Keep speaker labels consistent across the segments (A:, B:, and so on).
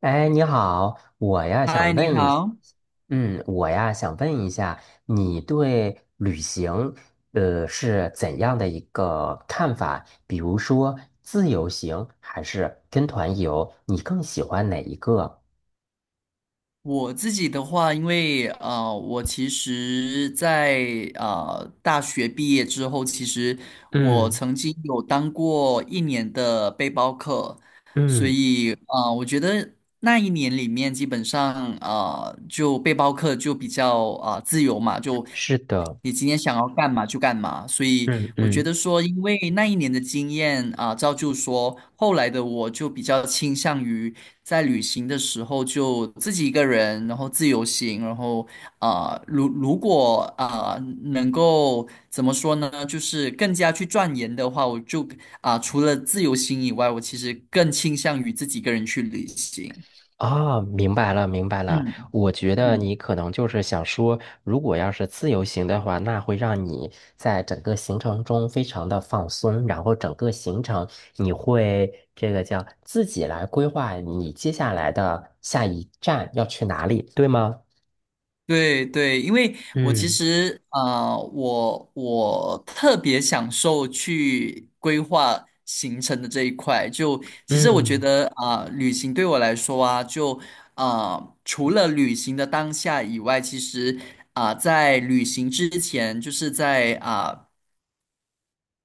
A: 哎，你好，我呀
B: 嗨，
A: 想
B: 你
A: 问一，
B: 好。
A: 我呀想问一下，你对旅行，是怎样的一个看法？比如说自由行还是跟团游，你更喜欢哪一个？
B: 我自己的话，因为啊，我其实在，大学毕业之后，其实我
A: 嗯
B: 曾经有当过一年的背包客，所
A: 嗯，
B: 以啊，我觉得那一年里面，基本上啊，就背包客就比较自由嘛，就
A: 是的，
B: 你今天想要干嘛就干嘛。所以
A: 嗯
B: 我觉
A: 嗯。
B: 得说，因为那一年的经验造就说后来的我就比较倾向于。在旅行的时候就自己一个人，然后自由行，然后啊，如果能够怎么说呢，就是更加去钻研的话，我就除了自由行以外，我其实更倾向于自己一个人去旅行。
A: 哦，明白了，明白了。
B: 嗯
A: 我觉得
B: 嗯。
A: 你可能就是想说，如果要是自由行的话，那会让你在整个行程中非常的放松，然后整个行程你会这个叫自己来规划你接下来的下一站要去哪里，对吗？
B: 对对，因为我其
A: 嗯
B: 实我特别享受去规划行程的这一块。就其实我觉
A: 嗯，
B: 得旅行对我来说啊，就除了旅行的当下以外，其实在旅行之前，就是在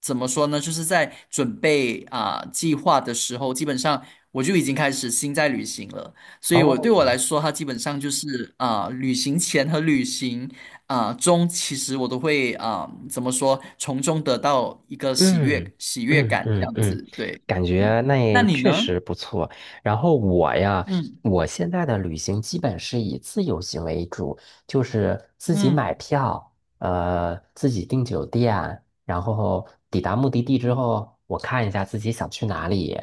B: 怎么说呢？就是在准备计划的时候，基本上我就已经开始心在旅行了。所以我
A: 哦。
B: 对我来说，它基本上就是旅行前和旅行中，其实我都会怎么说，从中得到一个喜
A: 嗯
B: 悦喜悦
A: 嗯
B: 感，这
A: 嗯
B: 样
A: 嗯，
B: 子。对，
A: 感
B: 嗯，
A: 觉那
B: 那
A: 也
B: 你呢？
A: 确实不错。然后我呀，
B: 嗯
A: 我现在的旅行基本是以自由行为主，就是自己买
B: 嗯
A: 票，自己订酒店，然后抵达目的地之后，我看一下自己想去哪里，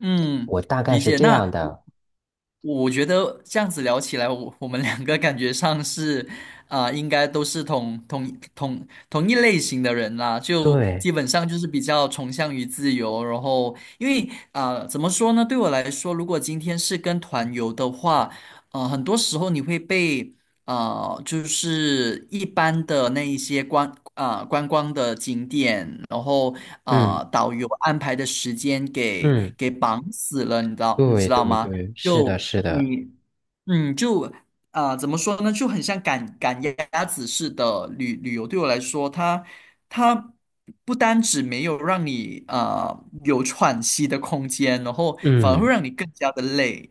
B: 嗯，
A: 我大概
B: 理
A: 是
B: 解。
A: 这样
B: 那。
A: 的。
B: 我觉得这样子聊起来，我们两个感觉上是，应该都是同一类型的人啦，就
A: 对，
B: 基本上就是比较崇尚于自由。然后，因为怎么说呢？对我来说，如果今天是跟团游的话，很多时候你会被就是一般的那一些观光的景点，然后
A: 嗯
B: 啊，导游安排的时间给
A: 嗯，
B: 给绑死了，你知道你
A: 对
B: 知道
A: 对
B: 吗？
A: 对，是
B: 就
A: 的，是的，
B: 你就怎么说呢，就很像赶鸭子似的旅游。对我来说，它它不单只没有让你啊有喘息的空间，然后反而会
A: 嗯。
B: 让你更加的累，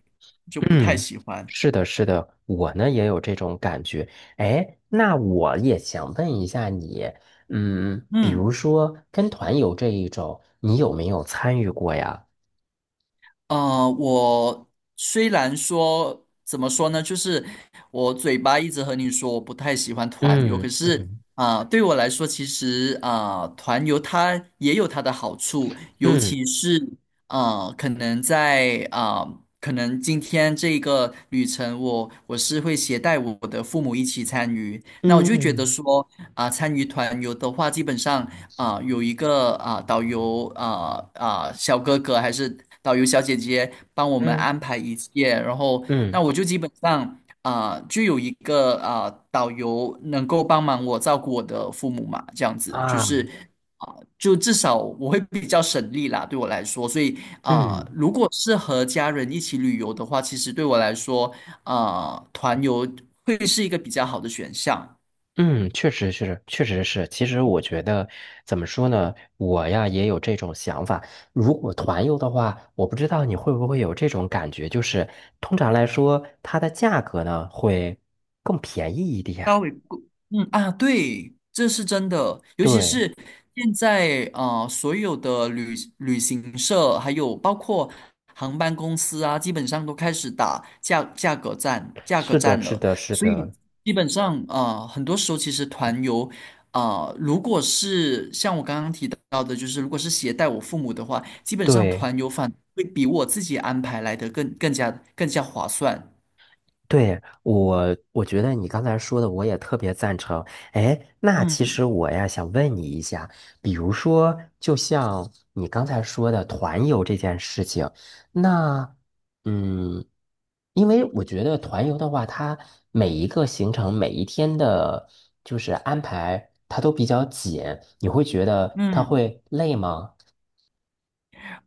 B: 就不太
A: 嗯，
B: 喜欢。
A: 是的，是的，我呢也有这种感觉。哎，那我也想问一下你，嗯，比如
B: 嗯。
A: 说跟团游这一种，你有没有参与过呀？
B: 我虽然说怎么说呢，就是我嘴巴一直和你说我不太喜欢团游，可
A: 嗯
B: 是
A: 嗯
B: 对我来说，其实团游它也有它的好处，尤
A: 嗯
B: 其是可能在可能今天这个旅程我，我是会携带我的父母一起参与，那我就觉得
A: 嗯
B: 说参与团游的话，基本上有一个导游小哥哥还是导游小姐姐帮我们
A: 嗯
B: 安排一切，然后那
A: 嗯
B: 我就基本上就有一个导游能够帮忙我照顾我的父母嘛，这样子就
A: 啊，
B: 是就至少我会比较省力啦，对我来说，所以
A: 嗯。
B: 如果是和家人一起旅游的话，其实对我来说团游会是一个比较好的选项。
A: 嗯，确实是，确实是。其实我觉得，怎么说呢，我呀也有这种想法。如果团游的话，我不知道你会不会有这种感觉，就是通常来说，它的价格呢会更便宜一点。
B: 稍微贵，嗯啊，对，这是真的，尤其
A: 对，
B: 是现在所有的旅行社还有包括航班公司啊，基本上都开始打价格
A: 是的，
B: 战
A: 是
B: 了。
A: 的，是
B: 所以
A: 的，
B: 基本上很多时候其实团游如果是像我刚刚提到的，就是如果是携带我父母的话，基本上
A: 对。
B: 团游反而会比我自己安排来的更加更加划算。
A: 对，我，我觉得你刚才说的我也特别赞成。哎，那其
B: 嗯
A: 实我呀想问你一下，比如说，就像你刚才说的团游这件事情，那，嗯，因为我觉得团游的话，它每一个行程每一天的，就是安排，它都比较紧，你会觉得它
B: 嗯。
A: 会累吗？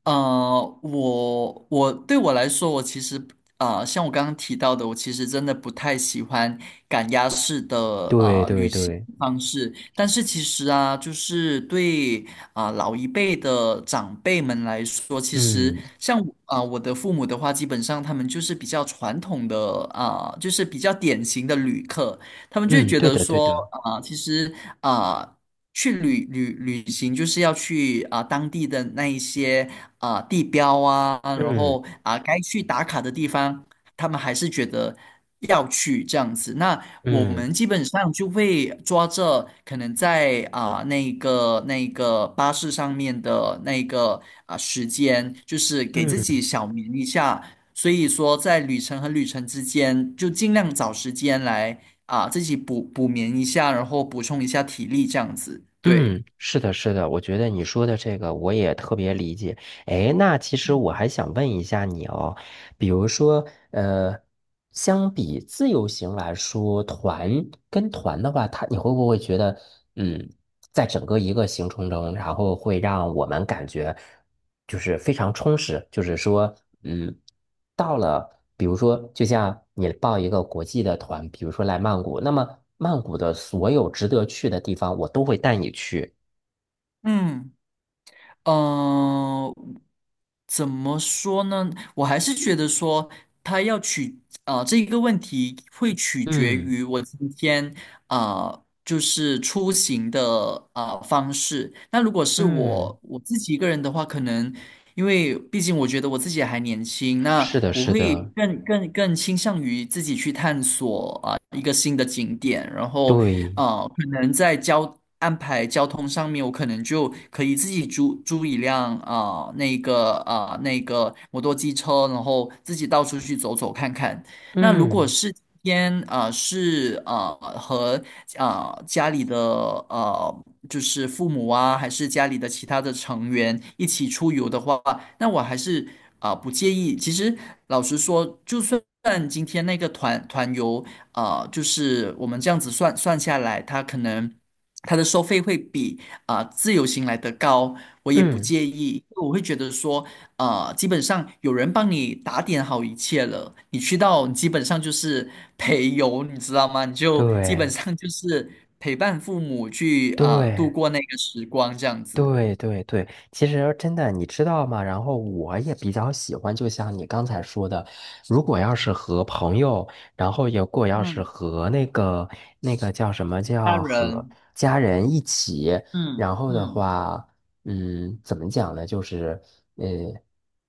B: 我对我来说，我其实啊，像我刚刚提到的，我其实真的不太喜欢赶鸭式的
A: 对对
B: 旅行
A: 对，
B: 方式。但是其实啊，就是对老一辈的长辈们来说，其实
A: 嗯
B: 像我的父母的话，基本上他们就是比较传统的就是比较典型的旅客。他们就会
A: 嗯，
B: 觉
A: 对
B: 得
A: 的对
B: 说，
A: 的，
B: 其实啊、呃去旅行就是要去当地的那一些地标啊，然
A: 嗯
B: 后该去打卡的地方，他们还是觉得要去这样子。那我
A: 嗯
B: 们基本上就会抓着可能在那个巴士上面的那个时间，就是给自己
A: 嗯。
B: 小眠一下。所以说，在旅程和旅程之间，就尽量找时间来啊，自己补眠一下，然后补充一下体力，这样子。对，
A: 嗯，是的，是的，我觉得你说的这个我也特别理解。哎，那其实我还想问一下你哦，比如说，相比自由行来说，团跟团的话，它你会不会觉得，嗯，在整个一个行程中，然后会让我们感觉就是非常充实，就是说，嗯。到了，比如说，就像你报一个国际的团，比如说来曼谷，那么曼谷的所有值得去的地方，我都会带你去。
B: 嗯，呃，怎么说呢？我还是觉得说，它要取啊、呃这一个问题会取决
A: 嗯
B: 于我今天啊、就是出行的方式。那如果是
A: 嗯，
B: 我自己一个人的话，可能因为毕竟我觉得我自己还年轻，那
A: 是的，
B: 我
A: 是
B: 会
A: 的，
B: 更倾向于自己去探索一个新的景点，然后
A: 对，
B: 可能在安排交通上面，我可能就可以自己租租一辆那个那个摩托机车，然后自己到处去走走看看。那如果
A: 嗯
B: 是今天是啊，和家里的呃就是父母啊，还是家里的其他的成员一起出游的话，那我还是不介意。其实老实说，就算今天那个团游。啊，就是我们这样子算算下来，它可能它的收费会比自由行来得高，我也不
A: 嗯，
B: 介意，因为我会觉得说，啊，基本上有人帮你打点好一切了，你去到你基本上就是陪游，你知道吗？你就基本
A: 对
B: 上就是陪伴父母去度
A: 对。
B: 过那个时光这样子，
A: 对对对，其实真的，你知道吗？然后我也比较喜欢，就像你刚才说的，如果要是和朋友，然后如果要是
B: 嗯，
A: 和那个那个叫什么
B: 家
A: 叫和
B: 人，
A: 家人一起，
B: 嗯
A: 然后的
B: 嗯。
A: 话，嗯，怎么讲呢？就是呃，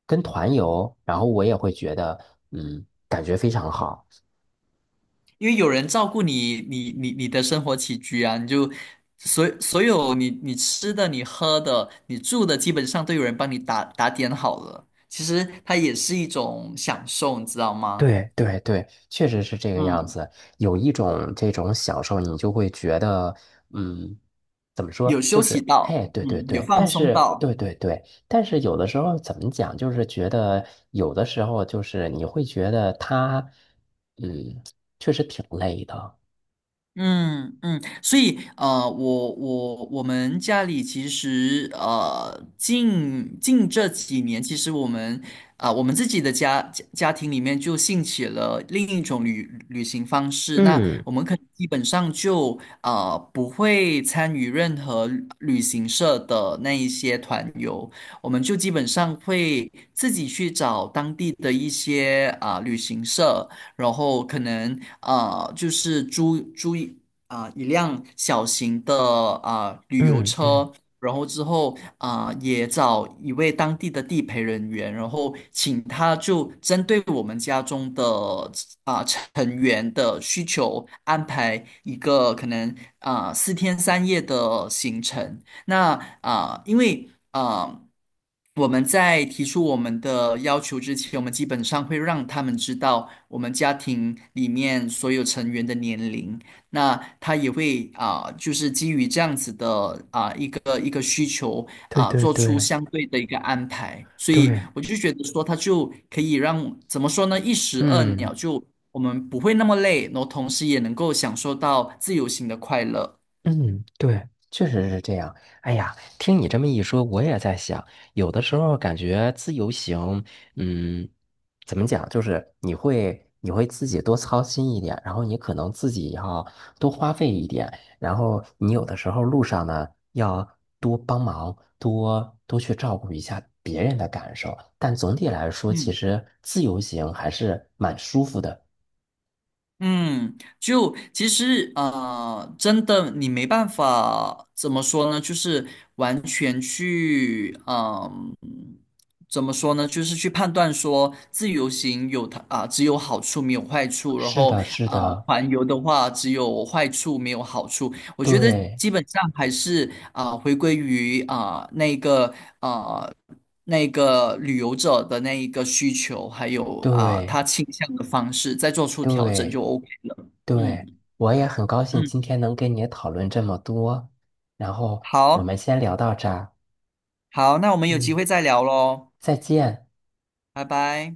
A: 跟团游，然后我也会觉得，嗯，感觉非常好。
B: 因为有人照顾你，你的生活起居啊，你就所有你吃的、你喝的、你住的，基本上都有人帮你打点好了。其实它也是一种享受，你知道吗？
A: 对对对，确实是这个样
B: 嗯，
A: 子。有一种这种享受，你就会觉得，嗯，怎么
B: 有
A: 说，就
B: 休息
A: 是，
B: 到，
A: 哎，对对
B: 嗯，有
A: 对，
B: 放
A: 但
B: 松
A: 是，
B: 到。
A: 对对对，但是有的时候怎么讲，就是觉得有的时候就是你会觉得他，嗯，确实挺累的。
B: 嗯嗯，所以我们家里其实近这几年，其实我们我们自己的家庭里面就兴起了另一种旅行方式。那
A: 嗯
B: 我们可能基本上就啊，不会参与任何旅行社的那一些团游，我们就基本上会自己去找当地的一些旅行社。然后可能就是租租一啊、一辆小型的旅游
A: 嗯嗯，
B: 车，然后之后也找一位当地的地陪人员，然后请他就针对我们家中的成员的需求安排一个可能4天3夜的行程。那因为我们在提出我们的要求之前，我们基本上会让他们知道我们家庭里面所有成员的年龄。那他也会就是基于这样子的一个需求
A: 对对
B: 做出
A: 对
B: 相对的一个安排。所以
A: 对，
B: 我就觉得说，他就可以让怎么说呢，一石二
A: 嗯。
B: 鸟就。我们不会那么累，然后同时也能够享受到自由行的快乐。
A: 嗯，对，确实是这样。哎呀，听你这么一说，我也在想，有的时候感觉自由行，嗯，怎么讲，就是你会你会自己多操心一点，然后你可能自己要多花费一点，然后你有的时候路上呢要多帮忙，多多去照顾一下别人的感受。但总体来说，其
B: 嗯。
A: 实自由行还是蛮舒服的。
B: 嗯，就其实啊，真的你没办法怎么说呢？就是完全去怎么说呢？就是去判断说自由行有它只有好处没有坏处，然
A: 是
B: 后
A: 的，是的，
B: 团游的话只有坏处没有好处。我觉得
A: 对
B: 基本上还是回归于那个啊那个旅游者的那一个需求，还有
A: 对。
B: 他倾向的方式，再做出调整
A: 对
B: 就 OK 了。
A: 对，
B: 嗯
A: 我也很高兴
B: 嗯，
A: 今天能跟你讨论这么多，然后我
B: 好
A: 们先聊到这儿，
B: 好，那我们有机
A: 嗯，
B: 会再聊喽，
A: 再见。
B: 拜拜。